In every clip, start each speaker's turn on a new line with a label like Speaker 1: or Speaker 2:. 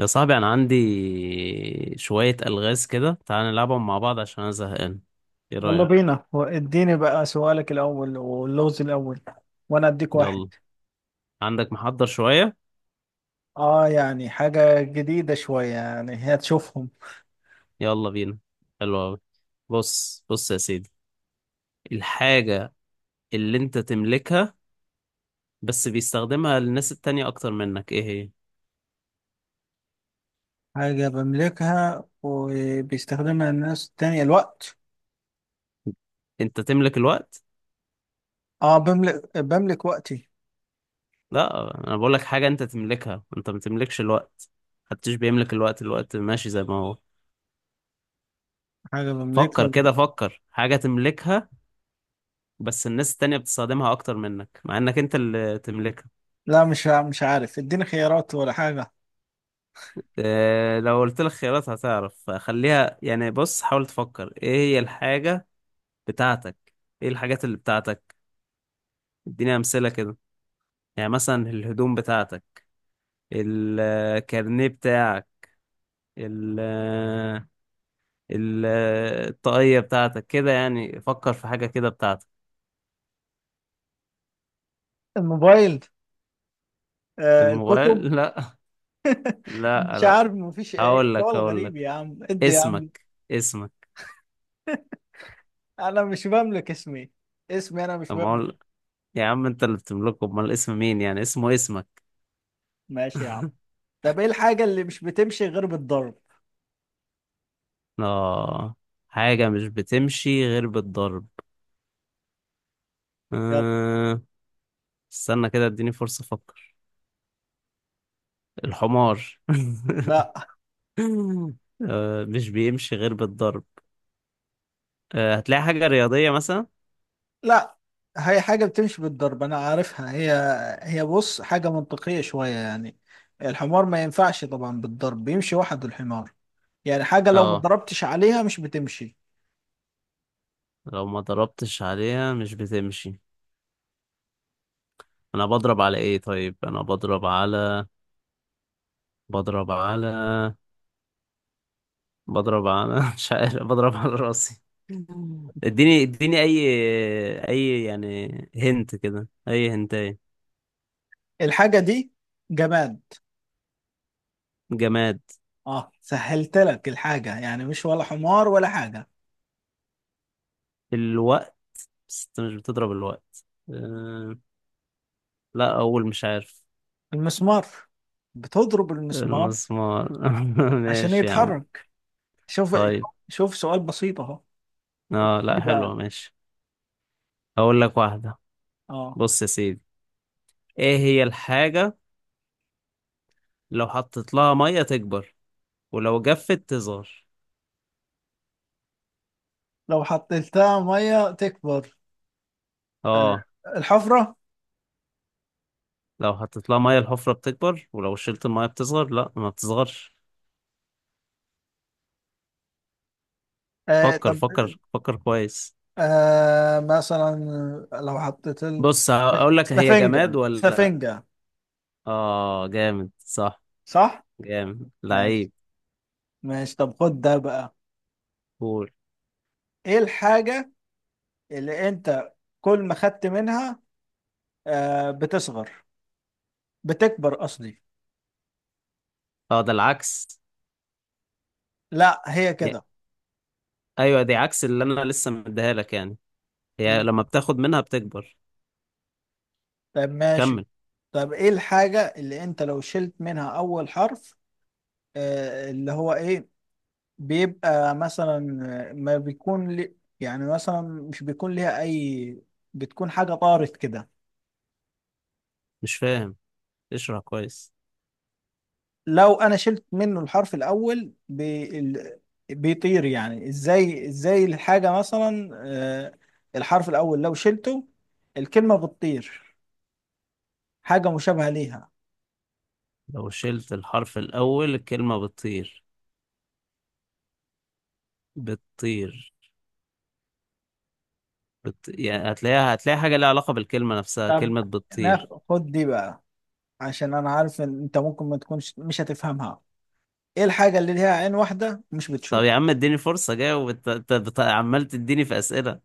Speaker 1: يا صاحبي انا عندي شوية الغاز كده، تعال نلعبهم مع بعض عشان انا زهقان. ايه
Speaker 2: يلا
Speaker 1: رأيك؟
Speaker 2: بينا، اديني بقى سؤالك الأول واللغز الأول وأنا أديك واحد.
Speaker 1: يلا عندك محضر شوية؟
Speaker 2: يعني حاجة جديدة شوية يعني هي تشوفهم.
Speaker 1: يلا بينا. حلو أوي. بص يا سيدي، الحاجة اللي انت تملكها بس بيستخدمها الناس التانية اكتر منك، ايه هي؟
Speaker 2: حاجة بملكها وبيستخدمها الناس التانية الوقت.
Speaker 1: انت تملك الوقت؟
Speaker 2: آه بملك وقتي.
Speaker 1: لا انا بقولك حاجة انت تملكها، انت ما تملكش الوقت. محدش بيملك الوقت، الوقت ماشي زي ما هو.
Speaker 2: حاجة
Speaker 1: فكر
Speaker 2: بملكها.
Speaker 1: كده، فكر حاجة تملكها بس الناس التانية بتستخدمها أكتر منك مع إنك أنت اللي تملكها.
Speaker 2: لا، مش عارف، اديني خيارات ولا حاجة.
Speaker 1: لو قلت لك خيارات هتعرف، خليها يعني. بص حاول تفكر إيه هي الحاجة بتاعتك، إيه الحاجات اللي بتاعتك. اديني أمثلة كده، يعني مثلا الهدوم بتاعتك، الكارنيه بتاعك، ال ال- الطاقية بتاعتك كده، يعني فكر في حاجة كده بتاعتك.
Speaker 2: الموبايل. آه الكتب.
Speaker 1: الموبايل؟ لا، لا
Speaker 2: مش
Speaker 1: لا
Speaker 2: عارف، مفيش
Speaker 1: هقول
Speaker 2: سؤال
Speaker 1: لك هقول
Speaker 2: غريب يا
Speaker 1: لك
Speaker 2: عم، ادي يا عم.
Speaker 1: اسمك. اسمك.
Speaker 2: أنا مش بملك اسمي. اسمي أنا مش بملك.
Speaker 1: يا عم انت اللي بتملكه، امال اسم مين يعني اسمه اسمك؟
Speaker 2: ماشي يا عم. طب ايه الحاجة اللي مش بتمشي غير بالضرب؟
Speaker 1: اه، حاجة مش بتمشي غير بالضرب.
Speaker 2: يلا.
Speaker 1: أه... استنى كده، اديني فرصة افكر. الحمار؟
Speaker 2: لا.
Speaker 1: مش بيمشي غير بالضرب. هتلاقي حاجة رياضية مثلا.
Speaker 2: لا، هي حاجة بتمشي بالضرب أنا عارفها هي. هي بص حاجة منطقية شوية يعني. الحمار ما ينفعش، طبعا بالضرب بيمشي وحده الحمار. يعني حاجة لو ما
Speaker 1: اه،
Speaker 2: ضربتش عليها مش بتمشي.
Speaker 1: لو ما ضربتش عليها مش بتمشي. انا بضرب على ايه؟ طيب انا بضرب على، بضرب على بضرب انا مش عارف، بضرب على راسي؟ اديني اي، اي يعني؟ هنت كده، اي هنتايه؟
Speaker 2: الحاجة دي جماد.
Speaker 1: جماد.
Speaker 2: اه سهلت لك الحاجة، يعني مش ولا حمار ولا حاجة.
Speaker 1: الوقت؟ بس انت مش بتضرب الوقت. لا اول مش عارف.
Speaker 2: المسمار. بتضرب المسمار
Speaker 1: المسمار؟
Speaker 2: عشان
Speaker 1: ماشي يا عم.
Speaker 2: يتحرك. شوف.
Speaker 1: طيب
Speaker 2: شوف سؤال بسيط اهو. إيه
Speaker 1: اه لا
Speaker 2: بقى.
Speaker 1: حلوة، ماشي. هقول لك واحدة.
Speaker 2: اه.
Speaker 1: بص يا سيدي، ايه هي الحاجة لو حطيت لها مية تكبر، ولو جفت تصغر؟
Speaker 2: لو حطيتها ميه تكبر.
Speaker 1: اه،
Speaker 2: الحفره.
Speaker 1: لو حطيت لها مية الحفرة بتكبر، ولو شلت المية بتصغر، لا ما بتصغرش.
Speaker 2: آه
Speaker 1: فكر
Speaker 2: طب.
Speaker 1: فكر كويس.
Speaker 2: آه مثلا لو حطيت
Speaker 1: بص اقول لك، هي
Speaker 2: سفنجه
Speaker 1: جماد ولا؟
Speaker 2: سفنجه.
Speaker 1: اه جامد، صح.
Speaker 2: صح.
Speaker 1: جامد
Speaker 2: ماشي.
Speaker 1: لعيب.
Speaker 2: ماشي طب خد ده بقى.
Speaker 1: قول.
Speaker 2: ايه الحاجه اللي انت كل ما خدت منها آه بتصغر، بتكبر قصدي.
Speaker 1: اه ده العكس.
Speaker 2: لا هي
Speaker 1: يا-
Speaker 2: كده.
Speaker 1: ايوه، دي عكس اللي انا لسه مديها لك يعني. هي
Speaker 2: مم.
Speaker 1: لما بتاخد منها بتكبر.
Speaker 2: طب ماشي.
Speaker 1: كمل.
Speaker 2: طب ايه الحاجه اللي انت لو شلت منها اول حرف؟ اللي هو ايه؟ بيبقى مثلا ما بيكون لي، يعني مثلا مش بيكون ليها اي، بتكون حاجة طارت كده.
Speaker 1: مش فاهم، اشرح كويس.
Speaker 2: لو انا شلت منه الحرف الاول بيطير، يعني ازاي؟ ازاي الحاجة مثلا؟ الحرف الاول لو شلته الكلمة بتطير، حاجة مشابهة ليها.
Speaker 1: لو شلت الحرف الاول الكلمه بتطير؟ بتطير، يعني هتلاقيها، هتلاقي حاجه ليها علاقه بالكلمه نفسها،
Speaker 2: طب
Speaker 1: كلمه بتطير.
Speaker 2: ناخد دي بقى، عشان انا عارف ان انت ممكن ما تكونش مش هتفهمها. ايه الحاجة اللي ليها عين واحدة مش
Speaker 1: طب
Speaker 2: بتشوف؟
Speaker 1: يا عم اديني فرصه جاوب، انت أنت عمال تديني في اسئله.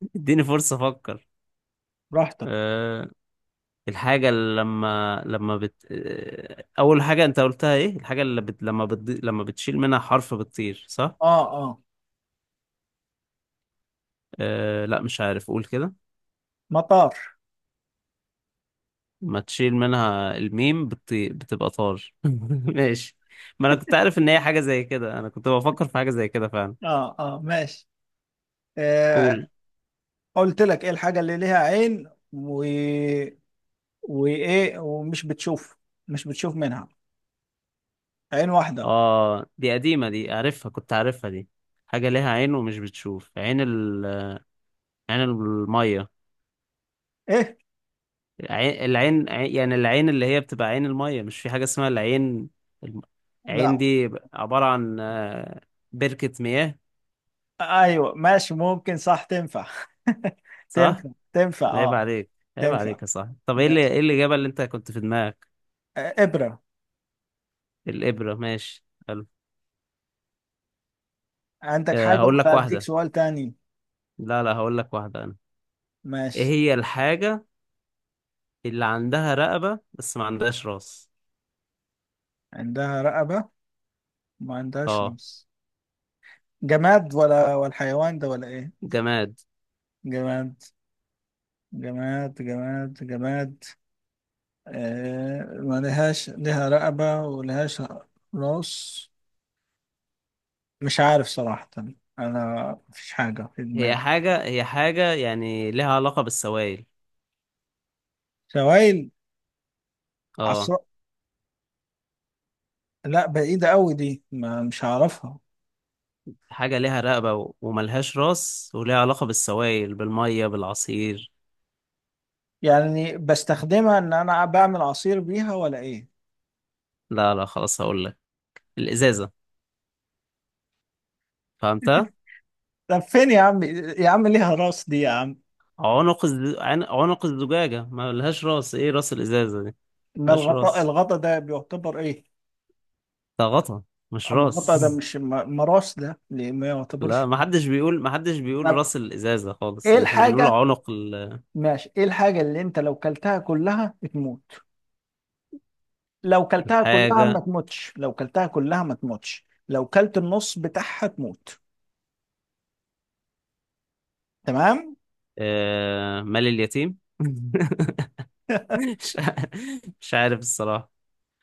Speaker 1: اديني فرصه افكر.
Speaker 2: براحتك.
Speaker 1: أه، الحاجة اللي لما بت أه أول حاجة أنت قلتها إيه؟ الحاجة اللي لما بتشيل منها حرف بتطير، صح؟
Speaker 2: اه اه.
Speaker 1: أه لا مش عارف، قول كده.
Speaker 2: مطار.
Speaker 1: ما تشيل منها الميم بتبقى طار. ماشي. ما أنا كنت عارف إن هي حاجة زي كده، أنا كنت بفكر في حاجة زي كده فعلا.
Speaker 2: اه اه ماشي. آه.
Speaker 1: قول.
Speaker 2: قلت لك ايه الحاجة اللي ليها عين و... وايه ومش بتشوف، مش بتشوف منها، عين واحدة.
Speaker 1: آه دي قديمة، دي عارفها، كنت عارفها دي. حاجة ليها عين ومش بتشوف، عين عين المية.
Speaker 2: ايه.
Speaker 1: العين يعني العين اللي هي بتبقى عين المية، مش في حاجة اسمها العين؟ الم- العين
Speaker 2: لا،
Speaker 1: دي عبارة عن بركة مياه.
Speaker 2: ايوه ماشي ممكن، صح تنفع.
Speaker 1: صح؟
Speaker 2: تنفع، تنفع
Speaker 1: عيب
Speaker 2: اه.
Speaker 1: عليك، عيب
Speaker 2: تنفع.
Speaker 1: عليك يا صاحبي. طب ايه اللي،
Speaker 2: ماشي.
Speaker 1: ايه الإجابة اللي انت كنت في دماغك؟
Speaker 2: آه ابرة.
Speaker 1: الإبرة، ماشي حلو.
Speaker 2: عندك حاجة
Speaker 1: هقول لك
Speaker 2: ولا اديك
Speaker 1: واحدة.
Speaker 2: سؤال تاني؟
Speaker 1: لا. هقول لك واحدة أنا. ايه
Speaker 2: ماشي.
Speaker 1: هي الحاجة اللي عندها رقبة بس ما عندهاش راس؟
Speaker 2: عندها رقبة، ما عندهاش
Speaker 1: اه
Speaker 2: لمس. جماد ولا ولا حيوان ده ولا ايه؟
Speaker 1: جماد.
Speaker 2: جماد. جماد، جماد، جماد. آه، ما لهاش، لها رقبة ولهاش راس. مش عارف صراحة، أنا مفيش حاجة في
Speaker 1: هي
Speaker 2: دماغي.
Speaker 1: حاجة، يعني لها علاقة بالسوائل.
Speaker 2: سوائل.
Speaker 1: اه،
Speaker 2: عصر. لا بعيدة أوي دي، ما مش هعرفها.
Speaker 1: حاجة ليها رقبة وملهاش راس وليها علاقة بالسوائل، بالمية، بالعصير.
Speaker 2: يعني بستخدمها إن أنا بعمل عصير بيها ولا إيه؟
Speaker 1: لا. خلاص هقول لك. الإزازة، فهمتها؟
Speaker 2: طب فين يا عم؟ يا عم ليها راس دي يا عم.
Speaker 1: عنق عنق الزجاجة ملهاش راس، ايه راس الإزازة دي؟
Speaker 2: ما
Speaker 1: ملهاش
Speaker 2: الغطاء،
Speaker 1: راس،
Speaker 2: الغطا ده بيعتبر إيه؟
Speaker 1: ده غطا مش
Speaker 2: أما
Speaker 1: راس.
Speaker 2: الغطا ده مش ما راس، ده ليه ما يعتبرش؟
Speaker 1: لا، ما حدش بيقول
Speaker 2: طب
Speaker 1: راس الإزازة خالص،
Speaker 2: إيه
Speaker 1: ان احنا بنقول
Speaker 2: الحاجة.
Speaker 1: عنق ال-.
Speaker 2: ماشي، إيه الحاجة اللي أنت لو كلتها كلها بتموت؟ لو كلتها كلها ما
Speaker 1: الحاجة،
Speaker 2: تموتش، لو كلتها كلها ما تموتش، لو كلت النص بتاعها تموت. تمام.
Speaker 1: مال اليتيم. مش ع- مش عارف الصراحة.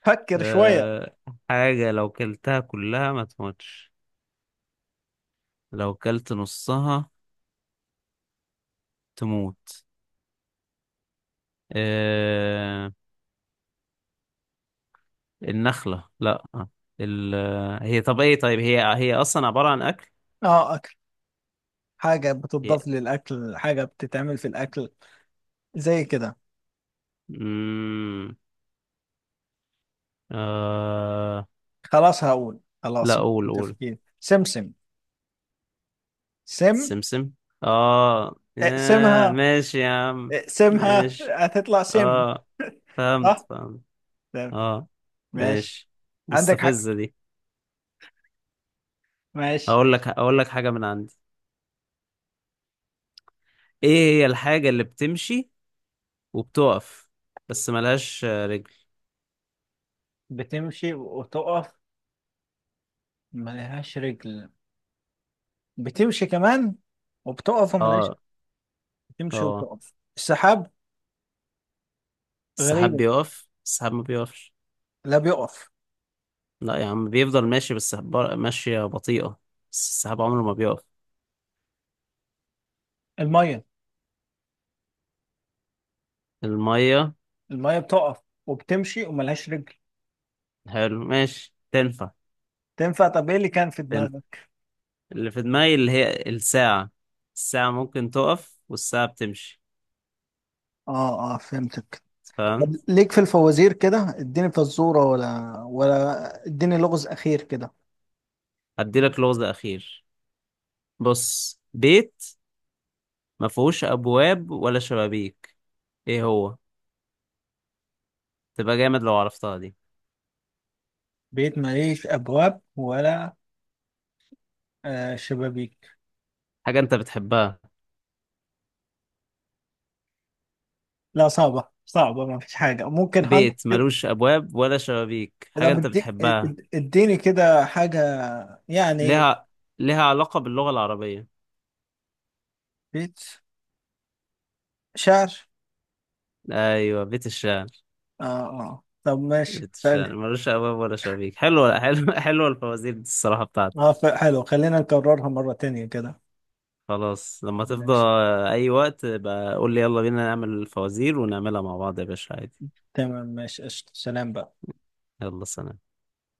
Speaker 2: فكر شوية.
Speaker 1: آه... حاجة لو كلتها كلها ما تموتش، لو كلت نصها تموت. آه... النخلة؟ لا. ال... هي طب ايه، طيب هي، اصلا عبارة عن اكل؟
Speaker 2: اه اكل. حاجة
Speaker 1: هي
Speaker 2: بتضاف للاكل، حاجة بتتعمل في الاكل، زي كده.
Speaker 1: مم... آه...
Speaker 2: خلاص هقول،
Speaker 1: لا
Speaker 2: خلاص.
Speaker 1: قول، قول.
Speaker 2: تفكير. سمسم. سم.
Speaker 1: سمسم؟ اه، آه
Speaker 2: اقسمها،
Speaker 1: ماشي يا عم.
Speaker 2: اقسمها
Speaker 1: ماشي،
Speaker 2: هتطلع سم.
Speaker 1: اه. فهمت،
Speaker 2: صح. تمام.
Speaker 1: اه
Speaker 2: ماشي.
Speaker 1: ماشي.
Speaker 2: عندك حق.
Speaker 1: مستفزة دي.
Speaker 2: ماشي.
Speaker 1: اقول لك حاجة من عندي. ايه هي الحاجة اللي بتمشي وبتقف بس ملهاش رجل؟
Speaker 2: بتمشي وتقف ملهاش رجل. بتمشي كمان وبتقف وملهاش.
Speaker 1: اه
Speaker 2: تمشي
Speaker 1: اه.
Speaker 2: وتقف، السحاب.
Speaker 1: السحاب
Speaker 2: غريبة.
Speaker 1: بيقف؟ السحاب ما بيقفش.
Speaker 2: لا بيقف.
Speaker 1: لا يا عم بيفضل ماشي بس ماشية بطيئة، بس السحاب عمره ما بيقف.
Speaker 2: المية.
Speaker 1: المية؟
Speaker 2: المية بتقف وبتمشي وملهاش رجل.
Speaker 1: حلو ماشي، تنفع.
Speaker 2: تنفع، طب ايه اللي كان في
Speaker 1: تنفع.
Speaker 2: دماغك؟
Speaker 1: اللي في دماغي اللي هي الساعة، الساعة ممكن تقف والساعة بتمشي.
Speaker 2: اه اه فهمتك.
Speaker 1: فاهم.
Speaker 2: طب ليك في الفوازير كده، اديني فزورة ولا ولا اديني لغز أخير كده.
Speaker 1: هديلك لغز أخير. بص، بيت ما فيهوش أبواب ولا شبابيك، ايه هو؟ تبقى جامد لو عرفتها دي.
Speaker 2: بيت، ماليش أبواب ولا شبابيك.
Speaker 1: حاجة انت بتحبها.
Speaker 2: لا صعبة، صعبة. ما فيش حاجة ممكن هنت
Speaker 1: بيت
Speaker 2: كده.
Speaker 1: ملوش أبواب ولا شبابيك،
Speaker 2: ده
Speaker 1: حاجة انت
Speaker 2: بديك،
Speaker 1: بتحبها،
Speaker 2: اديني كده حاجة يعني.
Speaker 1: لها، لها علاقة باللغة العربية.
Speaker 2: بيت شعر.
Speaker 1: أيوة، بيت الشعر.
Speaker 2: اه. اه طب ماشي.
Speaker 1: بيت الشعر ملوش أبواب ولا شبابيك، حلوة، حلوة. حلوة الفوازير دي الصراحة بتاعتي.
Speaker 2: اه، حلو، خلينا نكررها مرة تانية كده.
Speaker 1: خلاص لما تفضى.
Speaker 2: ماشي.
Speaker 1: أي وقت بقى قول لي يلا بينا نعمل الفوازير ونعملها مع بعض يا باشا، عادي.
Speaker 2: تمام، ماشي، قشطة، سلام بقى.
Speaker 1: يلا، سلام.